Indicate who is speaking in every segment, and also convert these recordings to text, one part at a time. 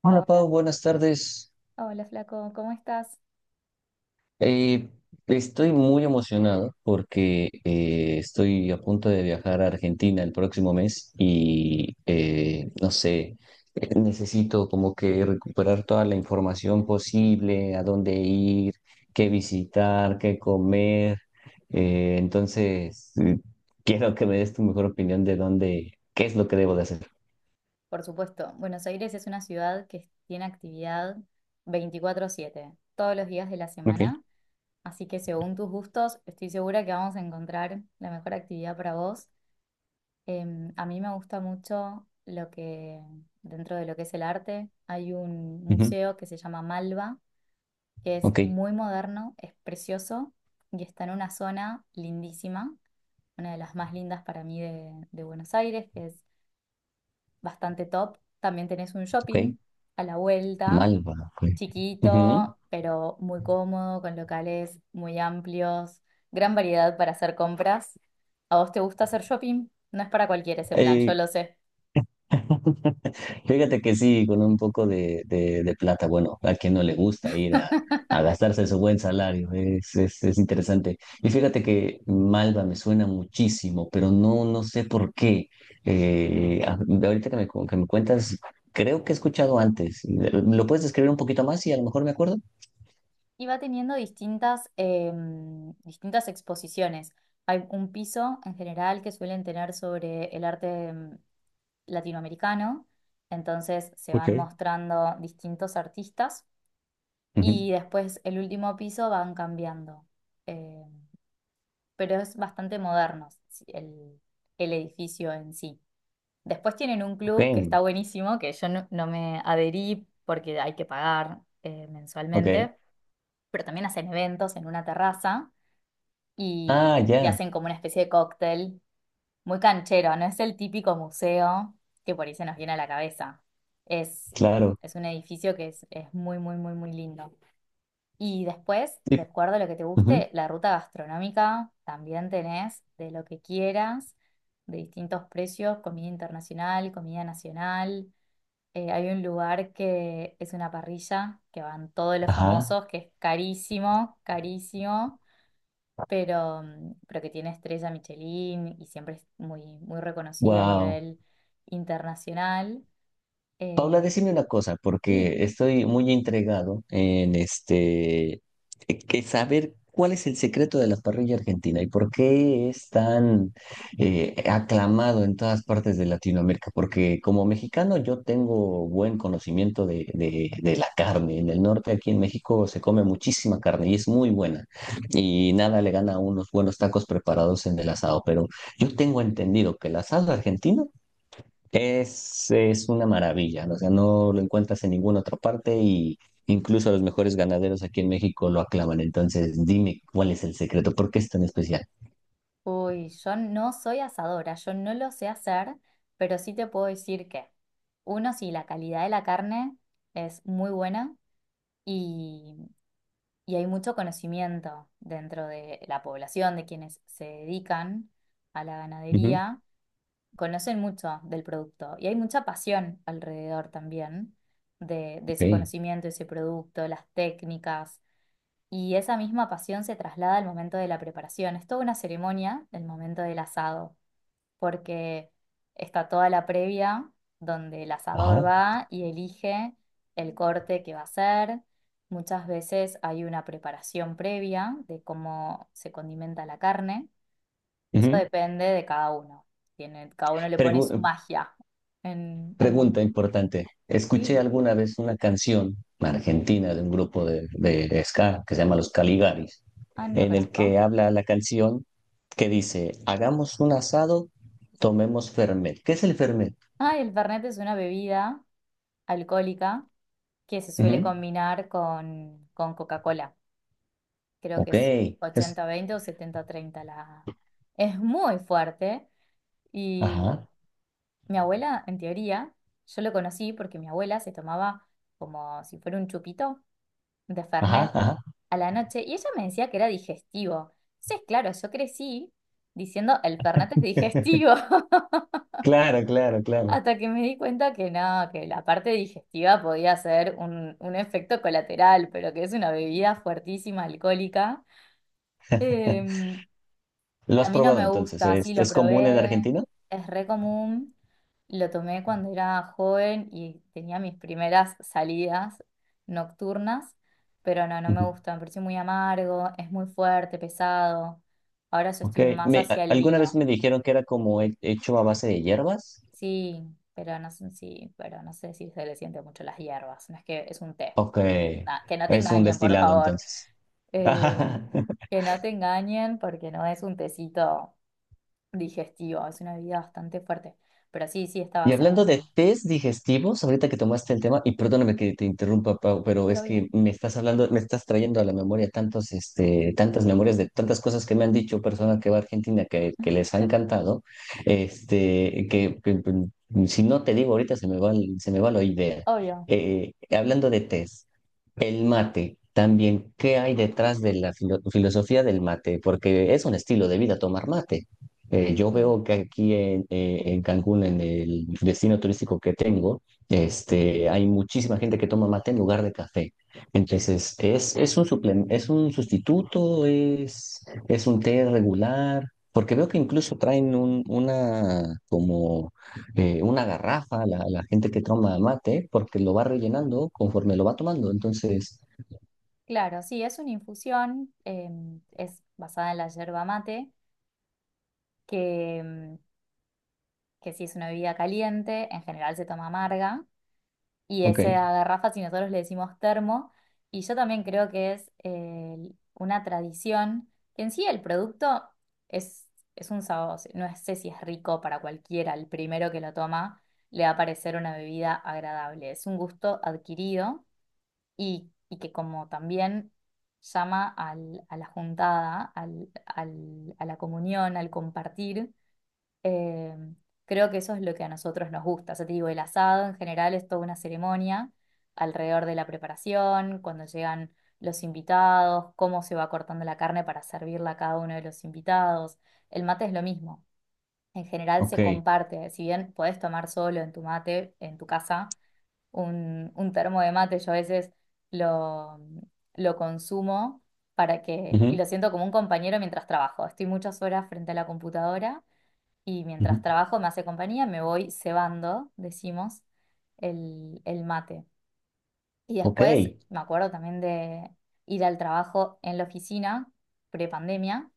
Speaker 1: Hola
Speaker 2: Hola,
Speaker 1: Pau, buenas tardes.
Speaker 2: hola Flaco, ¿cómo estás?
Speaker 1: Eh, Estoy muy emocionado porque estoy a punto de viajar a Argentina el próximo mes y no sé, necesito como que recuperar toda la información posible, a dónde ir, qué visitar, qué comer. Entonces, quiero que me des tu mejor opinión de dónde, qué es lo que debo de hacer.
Speaker 2: Por supuesto, Buenos Aires es una ciudad que tiene actividad 24/7, todos los días de la
Speaker 1: Ok.
Speaker 2: semana, así que según tus gustos, estoy segura que vamos a encontrar la mejor actividad para vos. A mí me gusta mucho lo que, dentro de lo que es el arte, hay un
Speaker 1: Ujú.
Speaker 2: museo que se llama Malva, que es
Speaker 1: Ok,
Speaker 2: muy moderno, es precioso y está en una zona lindísima, una de las más lindas para mí de Buenos Aires, que es bastante top. También tenés un shopping
Speaker 1: ok.
Speaker 2: a la vuelta,
Speaker 1: Malva. Fue. Ujú.
Speaker 2: chiquito, pero muy cómodo, con locales muy amplios, gran variedad para hacer compras. ¿A vos te gusta hacer shopping? No es para cualquiera ese plan, yo
Speaker 1: Eh,
Speaker 2: lo sé.
Speaker 1: Fíjate que sí, con un poco de, de plata, bueno, a quien no le gusta ir a gastarse su buen salario, es interesante. Y fíjate que Malva me suena muchísimo, pero no, no sé por qué. De ahorita que me, que me cuentas, creo que he escuchado antes. ¿Lo puedes describir un poquito más y a lo mejor me acuerdo?
Speaker 2: Y va teniendo distintas, distintas exposiciones. Hay un piso en general que suelen tener sobre el arte latinoamericano, entonces se van mostrando distintos artistas
Speaker 1: Ujú.
Speaker 2: y después el último piso van cambiando. Eh, pero es bastante moderno sí, el edificio en sí. Después tienen un
Speaker 1: Ok,
Speaker 2: club que está buenísimo, que yo no me adherí porque hay que pagar
Speaker 1: ok.
Speaker 2: mensualmente, pero también hacen eventos en una terraza
Speaker 1: Ah,
Speaker 2: y
Speaker 1: ya,
Speaker 2: hacen como una especie de cóctel muy canchero, no es el típico museo que por ahí se nos viene a la cabeza. Es,
Speaker 1: claro.
Speaker 2: es un edificio que es muy, muy, muy, muy lindo. Y después,
Speaker 1: Sí.
Speaker 2: de acuerdo a lo que te
Speaker 1: Ujú.
Speaker 2: guste, la ruta gastronómica también tenés de lo que quieras, de distintos precios, comida internacional, comida nacional. Hay un lugar que es una parrilla, que van todos los
Speaker 1: Ajá,
Speaker 2: famosos, que es carísimo, carísimo, pero, pero que tiene estrella Michelin y siempre es muy, muy reconocida a
Speaker 1: wow.
Speaker 2: nivel internacional.
Speaker 1: Paula,
Speaker 2: Eh,
Speaker 1: decime una cosa,
Speaker 2: sí.
Speaker 1: porque estoy muy intrigado en que saber cuál es el secreto de la parrilla argentina y por qué es tan aclamado en todas partes de Latinoamérica. Porque como mexicano yo tengo buen conocimiento de la carne. En el norte, aquí en México, se come muchísima carne y es muy buena. Y nada le gana a unos buenos tacos preparados en el asado. Pero yo tengo entendido que el asado argentino es una maravilla, ¿no? O sea, no lo encuentras en ninguna otra parte y incluso los mejores ganaderos aquí en México lo aclaman. Entonces, dime cuál es el secreto, ¿por qué es tan especial?
Speaker 2: Uy, yo no soy asadora, yo no lo sé hacer, pero sí te puedo decir que, uno, sí, la calidad de la carne es muy buena y, y hay mucho conocimiento dentro de la población, de quienes se dedican a la
Speaker 1: Ujú,
Speaker 2: ganadería, conocen mucho del producto y hay mucha pasión alrededor también de ese
Speaker 1: ok.
Speaker 2: conocimiento, ese producto, las técnicas. Y esa misma pasión se traslada al momento de la preparación. Es toda una ceremonia del momento del asado porque está toda la previa donde el asador
Speaker 1: Ajá.
Speaker 2: va y elige el corte que va a hacer. Muchas veces hay una preparación previa de cómo se condimenta la carne. Eso
Speaker 1: Ujú.
Speaker 2: depende de cada uno. Tiene, cada uno le pone su
Speaker 1: Pregu-
Speaker 2: magia en, al
Speaker 1: Pregunta
Speaker 2: momento.
Speaker 1: importante. Escuché
Speaker 2: Sí.
Speaker 1: alguna vez una canción argentina de un grupo de ska que se llama Los Caligaris,
Speaker 2: Ah, no lo
Speaker 1: en el
Speaker 2: conozco.
Speaker 1: que habla la canción que dice, hagamos un asado, tomemos fernet. ¿Qué es el fernet?
Speaker 2: Ah, el Fernet es una bebida alcohólica que se suele
Speaker 1: Ujú.
Speaker 2: combinar con Coca-Cola. Creo que
Speaker 1: Ok,
Speaker 2: es
Speaker 1: es...
Speaker 2: 80-20 o 70-30 la... Es muy fuerte y
Speaker 1: Ajá,
Speaker 2: mi abuela, en teoría, yo lo conocí porque mi abuela se tomaba como si fuera un chupito de
Speaker 1: ajá,
Speaker 2: Fernet
Speaker 1: ajá.
Speaker 2: a la noche y ella me decía que era digestivo. Entonces, claro, yo crecí diciendo el Fernet es digestivo
Speaker 1: Claro, claro, claro.
Speaker 2: hasta que me di cuenta que no, que la parte digestiva podía ser un efecto colateral, pero que es una bebida fuertísima, alcohólica. Em,
Speaker 1: ¿Lo
Speaker 2: A
Speaker 1: has
Speaker 2: mí no
Speaker 1: probado
Speaker 2: me
Speaker 1: entonces?
Speaker 2: gusta, sí, lo
Speaker 1: Es común en
Speaker 2: probé,
Speaker 1: Argentina?
Speaker 2: es re común, lo tomé cuando era joven y tenía mis primeras salidas nocturnas, pero no, no me
Speaker 1: Ujú.
Speaker 2: gusta, me pareció muy amargo, es muy fuerte, pesado. Ahora yo
Speaker 1: Ok.
Speaker 2: estoy más
Speaker 1: Me,
Speaker 2: hacia el
Speaker 1: alguna vez
Speaker 2: vino,
Speaker 1: me dijeron que era como hecho a base de hierbas.
Speaker 2: sí, pero no sé, sí, pero no sé si se le siente mucho las hierbas, no es que es un té.
Speaker 1: Ok.
Speaker 2: Nah, que no te
Speaker 1: Es un
Speaker 2: engañen, por
Speaker 1: destilado
Speaker 2: favor.
Speaker 1: entonces.
Speaker 2: Eh, que no te engañen porque no es un tecito. Digestiva, es una bebida bastante fuerte, pero sí, sí está
Speaker 1: Y
Speaker 2: basado
Speaker 1: hablando de
Speaker 2: en...
Speaker 1: test digestivos, ahorita que tomaste el tema, y perdóname que te interrumpa, Pau, pero
Speaker 2: Sí,
Speaker 1: es
Speaker 2: obvio,
Speaker 1: que me estás hablando, me estás trayendo a la memoria tantos, este, tantas memorias de tantas cosas que me han dicho personas que va a Argentina que les ha encantado, este, que, que si no te digo ahorita se me va, se me va la idea.
Speaker 2: obvio,
Speaker 1: Hablando de test. El mate, también, ¿qué hay detrás de la filosofía del mate? Porque es un estilo de vida tomar mate. Yo
Speaker 2: sí.
Speaker 1: veo que aquí en Cancún, en el destino turístico que tengo, este, hay muchísima gente que toma mate en lugar de café. Entonces, es un es un sustituto? Es un té regular? Porque veo que incluso traen un, una como una garrafa, la gente que toma mate, porque lo va rellenando conforme lo va tomando. Entonces,
Speaker 2: Claro, sí, es una infusión, es basada en la yerba mate, que, em, que sí es una bebida caliente, en general se toma amarga, y
Speaker 1: ok,
Speaker 2: esa garrafa, si nosotros le decimos termo, y yo también creo que es una tradición, que en sí el producto es, es un sabor, no sé si es rico para cualquiera, el primero que lo toma le va a parecer una bebida agradable, es un gusto adquirido y que como también llama al- a la juntada, al- al- a la comunión, al compartir eh, creo que eso es lo que a nosotros nos gusta. O sea, te digo, el asado en general es toda una ceremonia alrededor de la preparación, cuando llegan los invitados, cómo se va cortando la carne para servirla a cada uno de los invitados. El mate es lo mismo. En general
Speaker 1: ok,
Speaker 2: se comparte, si bien podés tomar solo en tu mate, en tu casa, un termo de mate, yo a veces lo, lo consumo para que, y
Speaker 1: ujú,
Speaker 2: lo siento como un compañero mientras trabajo. Estoy muchas horas frente a la computadora y
Speaker 1: ujú,
Speaker 2: mientras trabajo me hace compañía, me voy cebando, decimos, el mate. Y
Speaker 1: ok.
Speaker 2: después me acuerdo también de ir al trabajo en la oficina, prepandemia,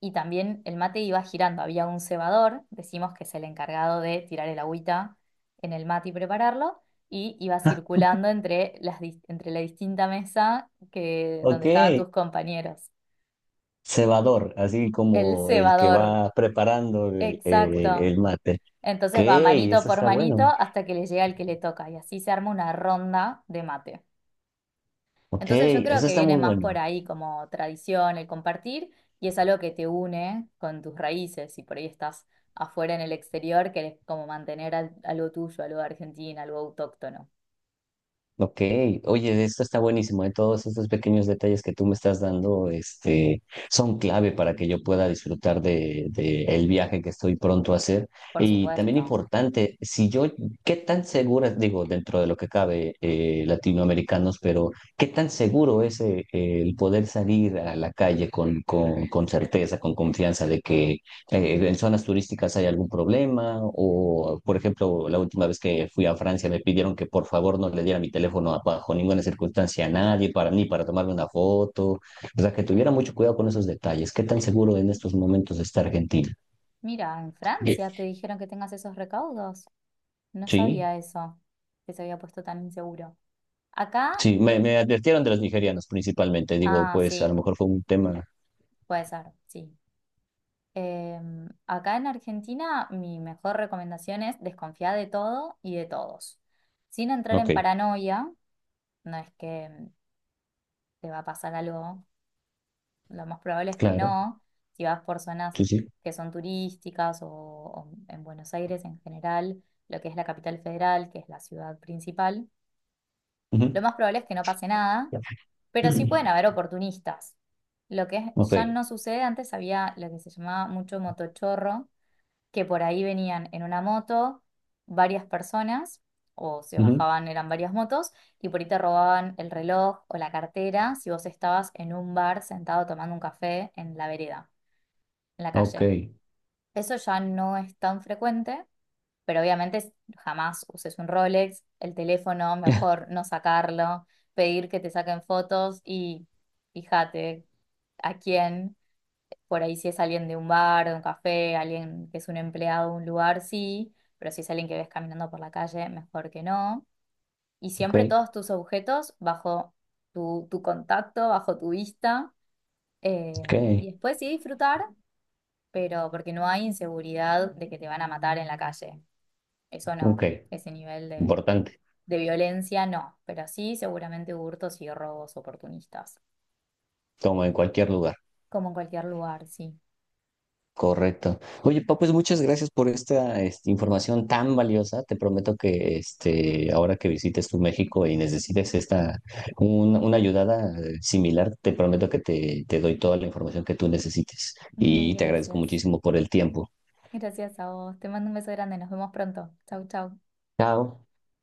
Speaker 2: y también el mate iba girando. Había un cebador, decimos que es el encargado de tirar el agüita en el mate y prepararlo, y iba
Speaker 1: Ja,
Speaker 2: circulando entre, las, dis- entre la distinta mesa que, donde
Speaker 1: ok.
Speaker 2: estaban tus compañeros.
Speaker 1: Cebador, así
Speaker 2: El
Speaker 1: como el que
Speaker 2: cebador,
Speaker 1: va preparando
Speaker 2: exacto.
Speaker 1: el mate. Ok,
Speaker 2: Entonces va manito
Speaker 1: eso
Speaker 2: por
Speaker 1: está
Speaker 2: manito
Speaker 1: bueno.
Speaker 2: hasta que le llega el que le toca y así se arma una ronda de mate.
Speaker 1: Ok,
Speaker 2: Entonces yo creo
Speaker 1: eso
Speaker 2: que
Speaker 1: está
Speaker 2: viene
Speaker 1: muy
Speaker 2: más
Speaker 1: bueno.
Speaker 2: por ahí como tradición, el compartir y es algo que te une con tus raíces y por ahí estás afuera en el exterior, querés como mantener al- algo tuyo, algo de Argentina, algo autóctono.
Speaker 1: Ok, oye, esto está buenísimo, ¿eh? Todos estos pequeños detalles que tú me estás dando, este, son clave para que yo pueda disfrutar de el viaje que estoy pronto a hacer.
Speaker 2: Por
Speaker 1: Y también
Speaker 2: supuesto.
Speaker 1: importante, si yo, ¿qué tan segura, digo, dentro de lo que cabe, latinoamericanos, pero qué tan seguro es el poder salir a la calle con certeza, con confianza de que ¿en zonas turísticas hay algún problema? O, por ejemplo, la última vez que fui a Francia me pidieron que por favor no le diera mi teléfono bajo ninguna circunstancia a nadie, para, ni para tomarme una foto. O sea, que tuviera mucho cuidado con esos detalles. ¿Qué tan seguro en estos momentos está Argentina?
Speaker 2: Mira, en
Speaker 1: Eh,
Speaker 2: Francia te dijeron que tengas esos recaudos. No
Speaker 1: Sí,
Speaker 2: sabía eso, que se había puesto tan inseguro. Acá,
Speaker 1: sí, me advirtieron de los nigerianos principalmente. Digo,
Speaker 2: ah,
Speaker 1: pues a lo
Speaker 2: sí,
Speaker 1: mejor fue un tema.
Speaker 2: puede ser, sí. Acá en Argentina, mi mejor recomendación es desconfiar de todo y de todos. Sin entrar
Speaker 1: Ok,
Speaker 2: en paranoia, no es que te va a pasar algo, lo más probable es que
Speaker 1: claro,
Speaker 2: no. Si vas por zonas
Speaker 1: sí, sí.
Speaker 2: que son turísticas o en Buenos Aires en general, lo que es la capital federal, que es la ciudad principal,
Speaker 1: Ujú.
Speaker 2: lo más probable es que no pase nada, pero sí pueden
Speaker 1: Mm.
Speaker 2: haber oportunistas. Lo que es-
Speaker 1: Ok,
Speaker 2: ya no sucede, antes había lo que se llamaba mucho motochorro que por ahí venían en una moto varias personas, o se
Speaker 1: ujú,
Speaker 2: bajaban, eran varias motos, y por ahí te robaban el reloj o la cartera si vos estabas en un bar sentado tomando un café en la vereda, en la
Speaker 1: ok.
Speaker 2: calle. Eso ya no es tan frecuente, pero obviamente s- jamás uses un Rolex, el teléfono, mejor no sacarlo, pedir que te saquen fotos y fíjate a quién. Por ahí si es alguien de un bar, de un café, alguien que es un empleado de un lugar, sí, pero si es alguien que ves caminando por la calle, mejor que no. Y
Speaker 1: Ok,
Speaker 2: siempre todos tus objetos bajo tu contacto, bajo tu vista. eh,
Speaker 1: ok,
Speaker 2: y después sí disfrutar, pero porque no hay inseguridad de que te van a matar en la calle. Eso
Speaker 1: ok,
Speaker 2: no, ese nivel
Speaker 1: importante.
Speaker 2: de violencia no, pero sí seguramente hurtos y robos oportunistas,
Speaker 1: Como en cualquier lugar.
Speaker 2: como en cualquier lugar, sí.
Speaker 1: Correcto. Oye, pa, pues muchas gracias por esta, este, información tan valiosa. Te prometo que este, ahora que visites tu México y necesites esta, una ayudada similar, te prometo que te doy toda la información que tú necesites.
Speaker 2: Mil
Speaker 1: Y te agradezco
Speaker 2: gracias.
Speaker 1: muchísimo por el tiempo.
Speaker 2: Gracias a vos. Te mando un beso grande. Nos vemos pronto. Chau, chau.
Speaker 1: Chao.